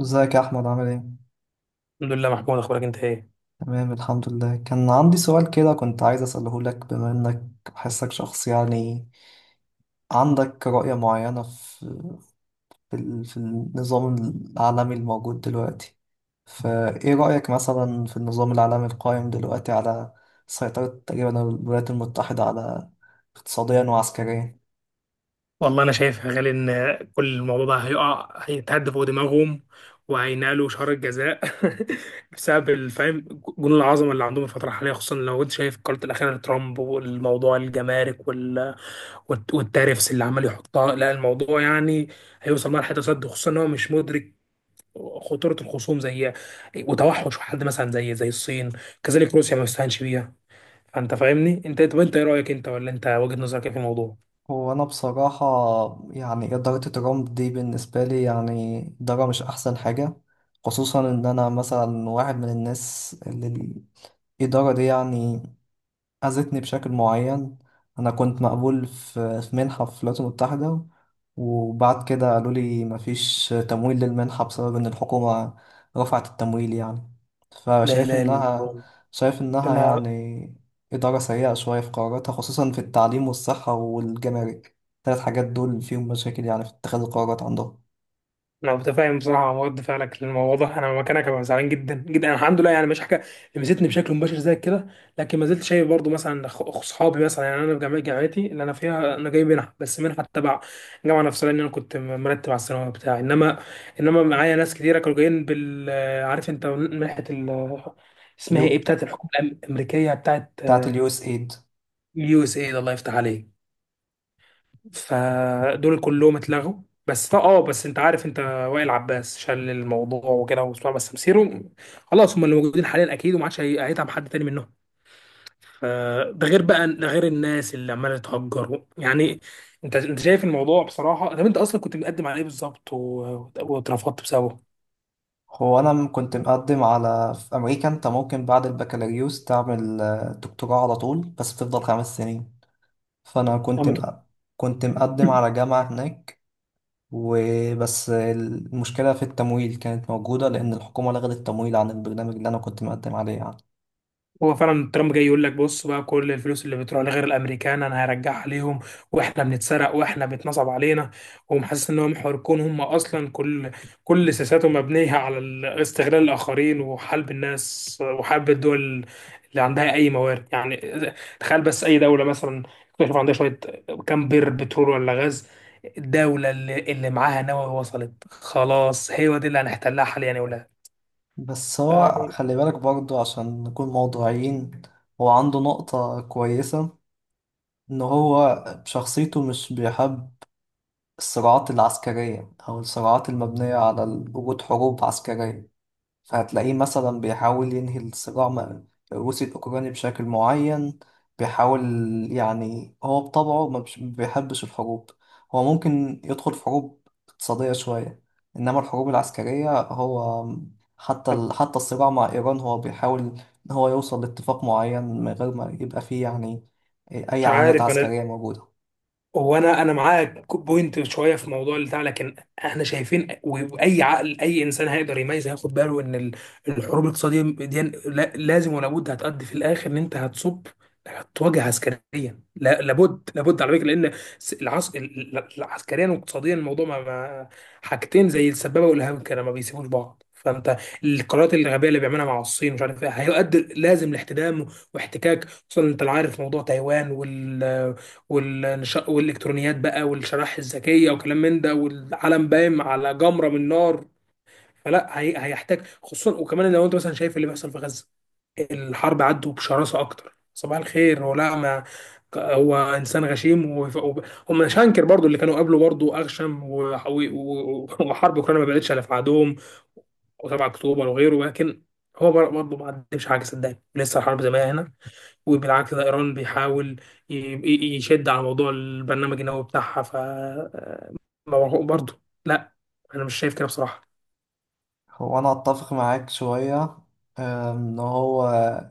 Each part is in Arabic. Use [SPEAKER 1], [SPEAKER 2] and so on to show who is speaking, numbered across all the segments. [SPEAKER 1] ازيك يا احمد، عامل ايه؟
[SPEAKER 2] الحمد لله محمود، اخبارك انت ايه؟
[SPEAKER 1] تمام، الحمد لله. كان عندي سؤال كده كنت عايز اساله لك، بما انك بحسك شخص يعني عندك رؤية معينة في في النظام العالمي الموجود دلوقتي. فايه رأيك مثلا في النظام العالمي القائم دلوقتي على سيطرة تقريبا الولايات المتحدة على، اقتصاديا وعسكريا.
[SPEAKER 2] والله انا شايف يا غالي ان كل الموضوع ده هيقع، هيتهد فوق دماغهم وهينالوا شهر الجزاء. بسبب الفهم، جنون العظمه اللي عندهم الفتره الحاليه، خصوصا لو انت شايف قرارات الاخيره لترامب والموضوع الجمارك والتارفس اللي عمال يحطها. لا الموضوع يعني هيوصل مرحله تصد، خصوصا ان هو مش مدرك خطوره الخصوم زي وتوحش حد مثلا زي الصين، كذلك روسيا ما يستهانش بيها. فانت فاهمني انت؟ طب انت ايه رايك انت، ولا انت وجهه نظرك ايه في الموضوع؟
[SPEAKER 1] هو أنا بصراحة يعني إدارة ترامب دي بالنسبة لي يعني إدارة مش أحسن حاجة، خصوصا إن أنا مثلا واحد من الناس اللي الإدارة دي يعني أذتني بشكل معين. أنا كنت مقبول في منحة في الولايات المتحدة، وبعد كده قالوا لي مفيش تمويل للمنحة بسبب إن الحكومة رفعت التمويل يعني.
[SPEAKER 2] لا
[SPEAKER 1] فشايف
[SPEAKER 2] اله الا
[SPEAKER 1] إنها
[SPEAKER 2] الله.
[SPEAKER 1] شايف إنها
[SPEAKER 2] انا
[SPEAKER 1] يعني إدارة سيئة شوية في قراراتها، خصوصا في التعليم والصحة والجمارك. الثلاث حاجات دول فيهم مشاكل يعني في اتخاذ القرارات عندهم.
[SPEAKER 2] انا متفاهم بصراحه مع رد فعلك للموضوع ده. انا مكانك هبقى زعلان جدا جدا. أنا الحمد لله يعني مش حاجه لمستني بشكل مباشر زي كده، لكن ما زلت شايف برضو مثلا اصحابي مثلا. يعني انا في جامعتي اللي انا فيها، انا جاي منها بس منها تبع الجامعه نفسها، لان انا كنت مرتب على الثانويه بتاعي، انما معايا ناس كتيره كانوا جايين بال، عارف انت منحه ال... اسمها
[SPEAKER 1] يو،
[SPEAKER 2] ايه بتاعت الحكومه الامريكيه، بتاعت
[SPEAKER 1] بتاعت USAID.
[SPEAKER 2] اليو اس اي، الله يفتح عليك. فدول كلهم اتلغوا. بس طا- اه بس انت عارف انت، وائل عباس شال الموضوع وكده وبتاع، بس مسيره خلاص هم اللي موجودين حاليا، اكيد وما عادش هيتعب حد تاني منهم. فده غير بقى، ده غير الناس اللي عماله تهجر يعني. انت شايف الموضوع بصراحه. طب انت اصلا كنت مقدم على ايه بالظبط واترفضت بسببه؟
[SPEAKER 1] هو أنا كنت مقدم على، في أمريكا أنت ممكن بعد البكالوريوس تعمل دكتوراه على طول بس بتفضل 5 سنين. فأنا
[SPEAKER 2] أنا
[SPEAKER 1] كنت
[SPEAKER 2] متوقع.
[SPEAKER 1] مق... كنت مقدم على جامعة هناك، وبس المشكلة في التمويل كانت موجودة لأن الحكومة لغت التمويل عن البرنامج اللي أنا كنت مقدم عليه يعني.
[SPEAKER 2] هو فعلا ترامب جاي يقول لك بص بقى، كل الفلوس اللي بتروح لغير الامريكان انا هرجعها ليهم، واحنا بنتسرق واحنا بيتنصب علينا. ومحسس ان هم محوركون، هم اصلا كل سياساتهم مبنيه على استغلال الاخرين وحلب الناس وحلب الدول اللي عندها اي موارد. يعني تخيل بس اي دوله مثلا اكتشف عندها شويه كام بير بترول ولا غاز، الدوله اللي معاها نووي وصلت خلاص، هي دي اللي هنحتلها حاليا يا ولاد.
[SPEAKER 1] بس هو
[SPEAKER 2] يعني
[SPEAKER 1] خلي بالك برضه عشان نكون موضوعيين. هو عنده نقطة كويسة، إن هو بشخصيته مش بيحب الصراعات العسكرية أو الصراعات المبنية على وجود حروب عسكرية. فهتلاقيه مثلا بيحاول ينهي الصراع الروسي الأوكراني بشكل معين، بيحاول يعني هو بطبعه ما بيحبش الحروب. هو ممكن يدخل في حروب اقتصادية شوية، إنما الحروب العسكرية هو،
[SPEAKER 2] طب
[SPEAKER 1] حتى الصراع مع إيران هو بيحاول إن هو يوصل لاتفاق معين من غير ما يبقى فيه يعني أي
[SPEAKER 2] مش
[SPEAKER 1] عمليات
[SPEAKER 2] عارف انا،
[SPEAKER 1] عسكرية موجودة.
[SPEAKER 2] هو انا معاك بوينت شويه في موضوع بتاع، لكن احنا شايفين واي عقل اي انسان هيقدر يميز، هياخد باله ان الحروب الاقتصاديه دي لازم ولا بد هتؤدي في الاخر ان انت هتواجه عسكريا. لا لابد لابد على فكره، لان عسكريا واقتصاديا الموضوع ما، حاجتين زي السبابه والإرهاب كده ما بيسيبوش بعض. فانت القرارات الغبيه اللي بيعملها مع الصين، مش عارف ايه، هيؤدي لازم لاحتدام واحتكاك، خصوصا انت عارف موضوع تايوان والالكترونيات بقى والشرائح الذكيه وكلام من ده، والعالم بايم على جمره من نار. هيحتاج خصوصا. وكمان لو انت مثلا شايف اللي بيحصل في غزه، الحرب عدوا بشراسه اكتر. صباح الخير. هو لا ما ك- هو انسان غشيم هم شانكر برضو اللي كانوا قبله برضو اغشم، وحرب اوكرانيا ما بعدتش على بعدهم، و7 اكتوبر وغيره. لكن هو برضه ما عندهمش حاجه، صدقني لسه الحرب زي ما هي هنا، وبالعكس ده ايران بيحاول يشد على موضوع البرنامج النووي بتاعها. ف برضه لا، انا مش شايف كده بصراحه.
[SPEAKER 1] هو انا اتفق معاك شوية، أم، ان هو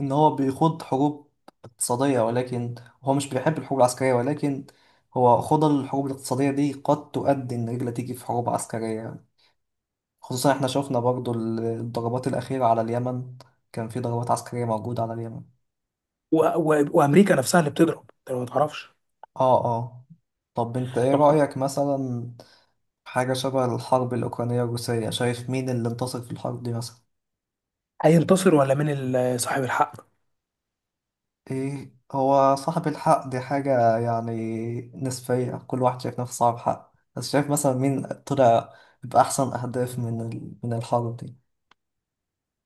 [SPEAKER 1] ان هو بيخوض حروب اقتصادية، ولكن هو مش بيحب الحروب العسكرية. ولكن هو خوض الحروب الاقتصادية دي قد تؤدي ان رجل تيجي في حروب عسكرية، خصوصا احنا شفنا برضو الضربات الأخيرة على اليمن. كان في ضربات عسكرية موجودة على اليمن.
[SPEAKER 2] وامريكا نفسها اللي بتضرب، انت ما تعرفش؟
[SPEAKER 1] اه، اه. طب انت ايه
[SPEAKER 2] طب
[SPEAKER 1] رأيك مثلا في حاجة شبه الحرب الأوكرانية الروسية؟ شايف مين اللي انتصر في الحرب دي مثلا؟
[SPEAKER 2] هينتصر ولا مين صاحب الحق؟
[SPEAKER 1] إيه، هو صاحب الحق دي حاجة يعني نسبية. كل واحد شايف نفسه صاحب حق، بس شايف مثلا مين طلع بأحسن أهداف من من الحرب دي.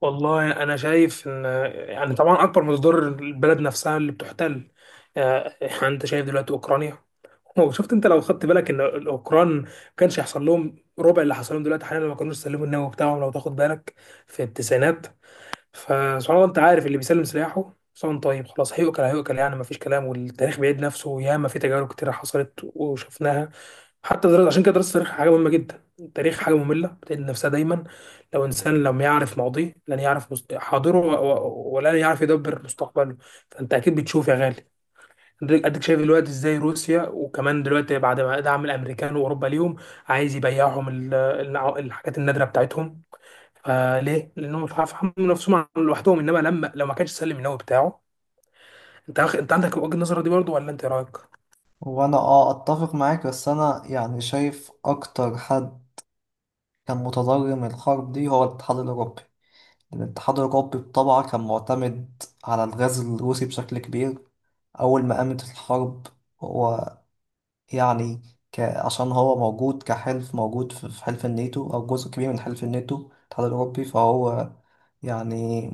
[SPEAKER 2] والله انا شايف ان، يعني طبعا اكبر مصدر البلد نفسها اللي بتحتل. يعني انت شايف دلوقتي اوكرانيا، وشفت انت لو خدت بالك ان الاوكران ما كانش هيحصل لهم ربع اللي حصل لهم دلوقتي حاليا لو ما كانوش سلموا النووي بتاعهم، لو تاخد بالك في التسعينات. فسبحان الله، انت عارف اللي بيسلم سلاحه سواء طيب خلاص هيؤكل هيؤكل، يعني مفيش كلام. والتاريخ بيعيد نفسه، ياما في تجارب كتير حصلت وشفناها. حتى دراسة، عشان كده دراسة التاريخ حاجة مهمة جدا. التاريخ حاجة مملة بتعيد نفسها دايما. لو إنسان لم يعرف ماضيه لن يعرف حاضره ولن يعرف يدبر مستقبله. فأنت أكيد بتشوف يا غالي. أديك شايف دلوقتي إزاي روسيا، وكمان دلوقتي بعد ما دعم الأمريكان وأوروبا ليهم، عايز يبيعهم الحاجات النادرة بتاعتهم. فليه؟ لانهم مش عارف يحملوا نفسهم لوحدهم، انما لما لو ما كانش سلم النووي بتاعه. انت عندك وجهة النظر دي برضه، ولا انت إيه رايك؟
[SPEAKER 1] وأنا أه أتفق معاك، بس أنا يعني شايف أكتر حد كان متضرر من الحرب دي هو الاتحاد الأوروبي. الاتحاد الأوروبي بطبعه كان معتمد على الغاز الروسي بشكل كبير. أول ما قامت الحرب هو يعني عشان هو موجود كحلف موجود في في حلف الناتو أو جزء كبير من حلف الناتو الاتحاد الأوروبي، فهو يعني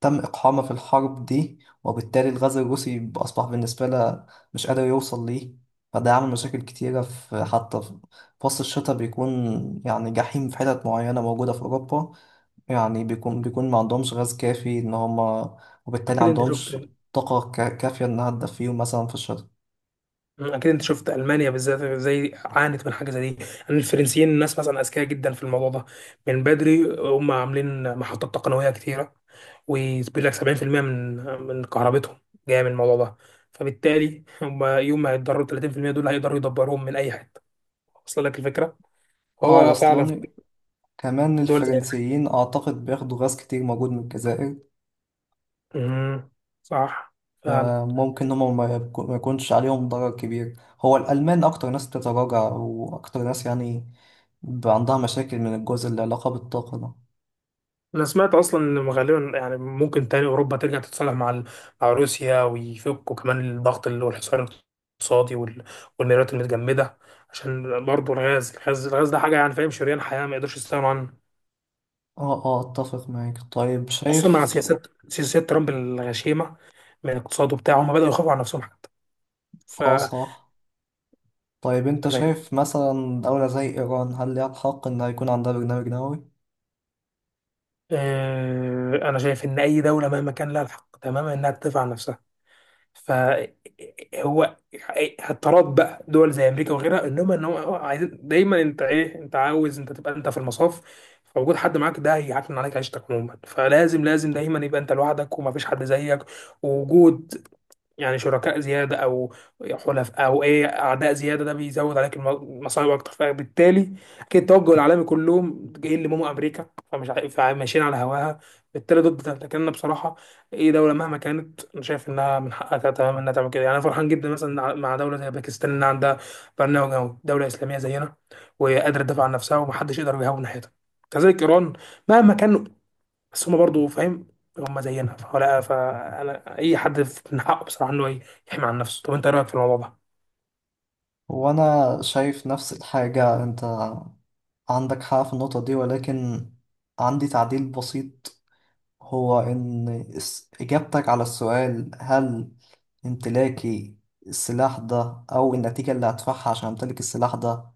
[SPEAKER 1] تم إقحامه في الحرب دي، وبالتالي الغاز الروسي أصبح بالنسبة له مش قادر يوصل ليه، فده عامل مشاكل كتيرة في حتى في وسط الشتاء بيكون يعني جحيم في حتت معينة موجودة في أوروبا. يعني بيكون ما عندهمش غاز كافي إن هما، وبالتالي
[SPEAKER 2] اكيد انت شفت.
[SPEAKER 1] عندهمش طاقة كافية إنها تدفيهم مثلا في الشتاء.
[SPEAKER 2] اكيد انت شفت المانيا بالذات زي عانت من حاجه زي دي. يعني الفرنسيين الناس مثلا اذكياء جدا في الموضوع ده، من بدري هم عاملين محطات تقنويه كتيره، وبيقول لك 70% من كهربتهم جايه من الموضوع ده. فبالتالي هم يوم ما هيتضرروا 30% دول هيقدروا يدبروهم من اي حته. وصل لك الفكره؟
[SPEAKER 1] اه،
[SPEAKER 2] هو فعلا في
[SPEAKER 1] واصلاني. كمان
[SPEAKER 2] دول،
[SPEAKER 1] الفرنسيين أعتقد بياخدوا غاز كتير موجود من الجزائر،
[SPEAKER 2] امم، صح فعلا.
[SPEAKER 1] فممكن هما ما يكونش عليهم ضرر كبير. هو الألمان أكتر ناس بتتراجع وأكتر ناس يعني عندها مشاكل من الجزء اللي علاقة بالطاقة ده.
[SPEAKER 2] انا سمعت اصلا ان غالبا يعني ممكن تاني اوروبا ترجع تتصالح مع مع روسيا، ويفكوا كمان الضغط اللي هو الحصار الاقتصادي والميرات المتجمده، عشان برضه الغاز ده حاجه، يعني فاهم، شريان حياه ما يقدرش يستغنوا عنه،
[SPEAKER 1] اه، اه، أتفق معاك. طيب
[SPEAKER 2] خصوصا مع
[SPEAKER 1] شايف،
[SPEAKER 2] سياسات ترامب الغشيمه من الاقتصاد وبتاع. هم بداوا يخافوا على نفسهم حتى. ف
[SPEAKER 1] اه،
[SPEAKER 2] أنت
[SPEAKER 1] صح. طيب أنت
[SPEAKER 2] فاهم.
[SPEAKER 1] شايف مثلا دولة زي إيران، هل ليها الحق إن يكون عندها برنامج نووي؟
[SPEAKER 2] انا شايف ان اي دوله مهما كان لها الحق تماما انها تدافع عن نفسها. فهو اضطراب بقى دول زي امريكا وغيرها، انهم ان هو عايزين دايما، انت ايه، انت عاوز انت تبقى انت في المصاف، فوجود حد معاك ده هيعتمد عليك عيشتك عموما، فلازم لازم دايما يبقى انت لوحدك ومفيش حد زيك. ووجود يعني شركاء زيادة أو حلفاء أو إيه أعداء زيادة، ده بيزود عليك المصايب أكتر. فبالتالي أكيد التوجه العالمي كلهم جايين لماما أمريكا، فمش فماشيين على هواها، بالتالي ضد ده. لكن أنا بصراحة أي دولة مهما كانت أنا شايف إنها من حقها تماما إنها تعمل كده. يعني أنا فرحان جدا مثلا مع دولة زي باكستان إنها عندها برنامج، أو دولة إسلامية زينا وقادرة تدافع عن نفسها ومحدش يقدر يهاون ناحيتها. كذلك إيران مهما كان، بس هما برضو فاهم هما زينا. فلا، فانا اي حد من حقه بصراحه انه يحمي عن نفسه. طب انت إيه رايك في الموضوع ده؟
[SPEAKER 1] وأنا شايف نفس الحاجة. أنت عندك حق في النقطة دي، ولكن عندي تعديل بسيط، هو إن إجابتك على السؤال، هل امتلاكي السلاح ده أو النتيجة اللي هدفعها عشان أمتلك السلاح ده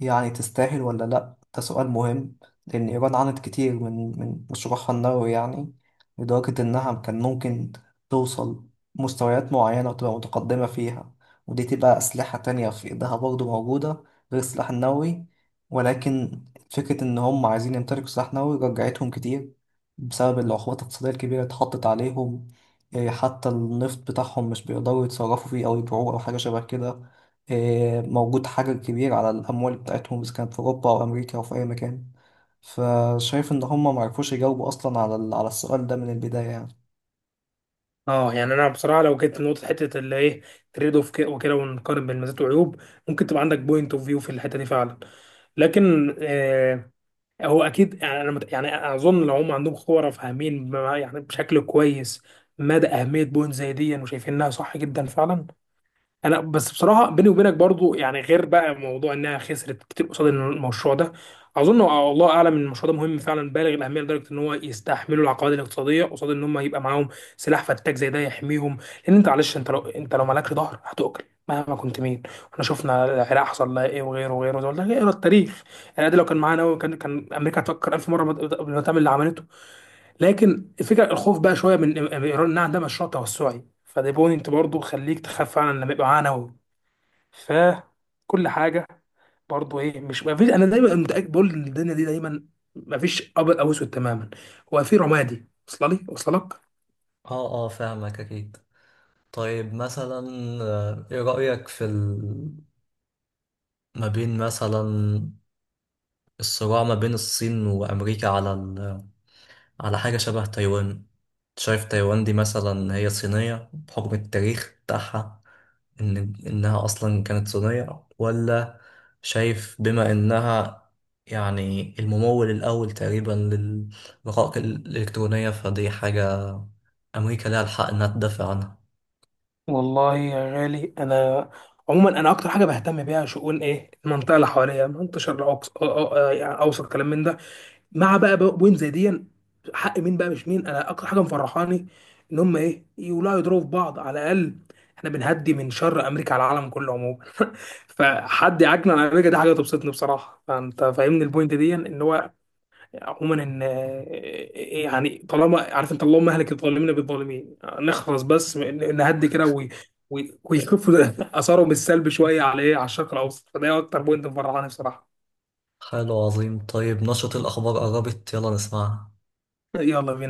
[SPEAKER 1] يعني تستاهل ولا لأ، ده سؤال مهم. لأن إيران عانت كتير من مشروعها النووي يعني، لدرجة إنها كان ممكن توصل مستويات معينة وتبقى متقدمة فيها. ودي تبقى أسلحة تانية في إيدها برضه موجودة غير السلاح النووي. ولكن فكرة إن هم عايزين يمتلكوا سلاح نووي رجعتهم كتير بسبب العقوبات الاقتصادية الكبيرة اللي اتحطت عليهم. حتى النفط بتاعهم مش بيقدروا يتصرفوا فيه أو يبيعوه أو حاجة شبه كده. موجود حجر كبير على الأموال بتاعتهم إذا كانت في أوروبا أو أمريكا أو في أي مكان. فشايف إن هم معرفوش يجاوبوا أصلا على على السؤال ده من البداية يعني.
[SPEAKER 2] اه يعني انا بصراحه لو جيت لنقطه حته اللي ايه تريد اوف وكده ونقارن بين مزايا وعيوب، ممكن تبقى عندك بوينت اوف فيو في الحته دي فعلا. لكن آه هو اكيد، يعني يعني اظن لو هم عندهم خبره فاهمين يعني بشكل كويس مدى اهميه بوينت زي دي، وشايفينها صح جدا فعلا. انا بس بصراحه بيني وبينك برضو، يعني غير بقى موضوع انها خسرت كتير قصاد المشروع ده، اظن الله اعلم ان المشروع ده مهم فعلا بالغ الاهميه لدرجه ان هو يستحملوا العقبات الاقتصاديه قصاد ان هم يبقى معاهم سلاح فتاك زي ده يحميهم. لان انت معلش انت لو مالكش ظهر هتؤكل، مهما كنت مين. احنا شفنا العراق حصل لها ايه وغيره وغيره، زي ما قلت لك اقرا التاريخ. يعني ده لو كان معانا أوي، كان امريكا هتفكر الف مره قبل ما تعمل اللي عملته. لكن الفكره الخوف بقى شويه من ايران انها عندها مشروع توسعي، فده بوينت برضه خليك تخاف فعلا لما يبقى معانا فكل حاجه. برضه ايه، مش ما فيش، انا دايما متاكد بقول ان الدنيا دي دايما ما فيش ابيض او اسود تماما، هو في رمادي. وصل لي؟ وصل لك؟
[SPEAKER 1] اه، اه، فاهمك اكيد. طيب مثلا، ايه رأيك في ما بين مثلا الصراع ما بين الصين وامريكا على على حاجة شبه تايوان؟ شايف تايوان دي مثلا هي صينية بحكم التاريخ بتاعها، ان انها اصلا كانت صينية، ولا شايف بما انها يعني الممول الأول تقريبا للرقائق الإلكترونية فدي حاجة أمريكا لها الحق إنها تدافع عنها؟
[SPEAKER 2] والله يا غالي انا عموما انا اكتر حاجه بهتم بيها شؤون ايه المنطقه اللي حواليا، منطقه الشرق الاوسط يعني اوسط كلام من ده. مع بقى بوين زي دي حق مين بقى، مش مين انا اكتر حاجه مفرحاني ان هم ايه يولعوا يضربوا في بعض، على الاقل احنا بنهدي من شر امريكا على العالم كله عموما. فحد يعاكنا على امريكا دي حاجه تبسطني بصراحه. فانت فاهمني البوينت دي، ان هو عموما ان إيه، إيه، يعني طالما عارف انت اللهم اهلك الظالمين بالظالمين، نخلص بس نهدي كده ويخفوا اثارهم السلبي شويه على ايه، على الشرق الاوسط. فده اكتر بوينت مفرحاني بصراحه.
[SPEAKER 1] حلو، عظيم. طيب نشرة الأخبار قربت، يلا نسمعها.
[SPEAKER 2] يلا بينا.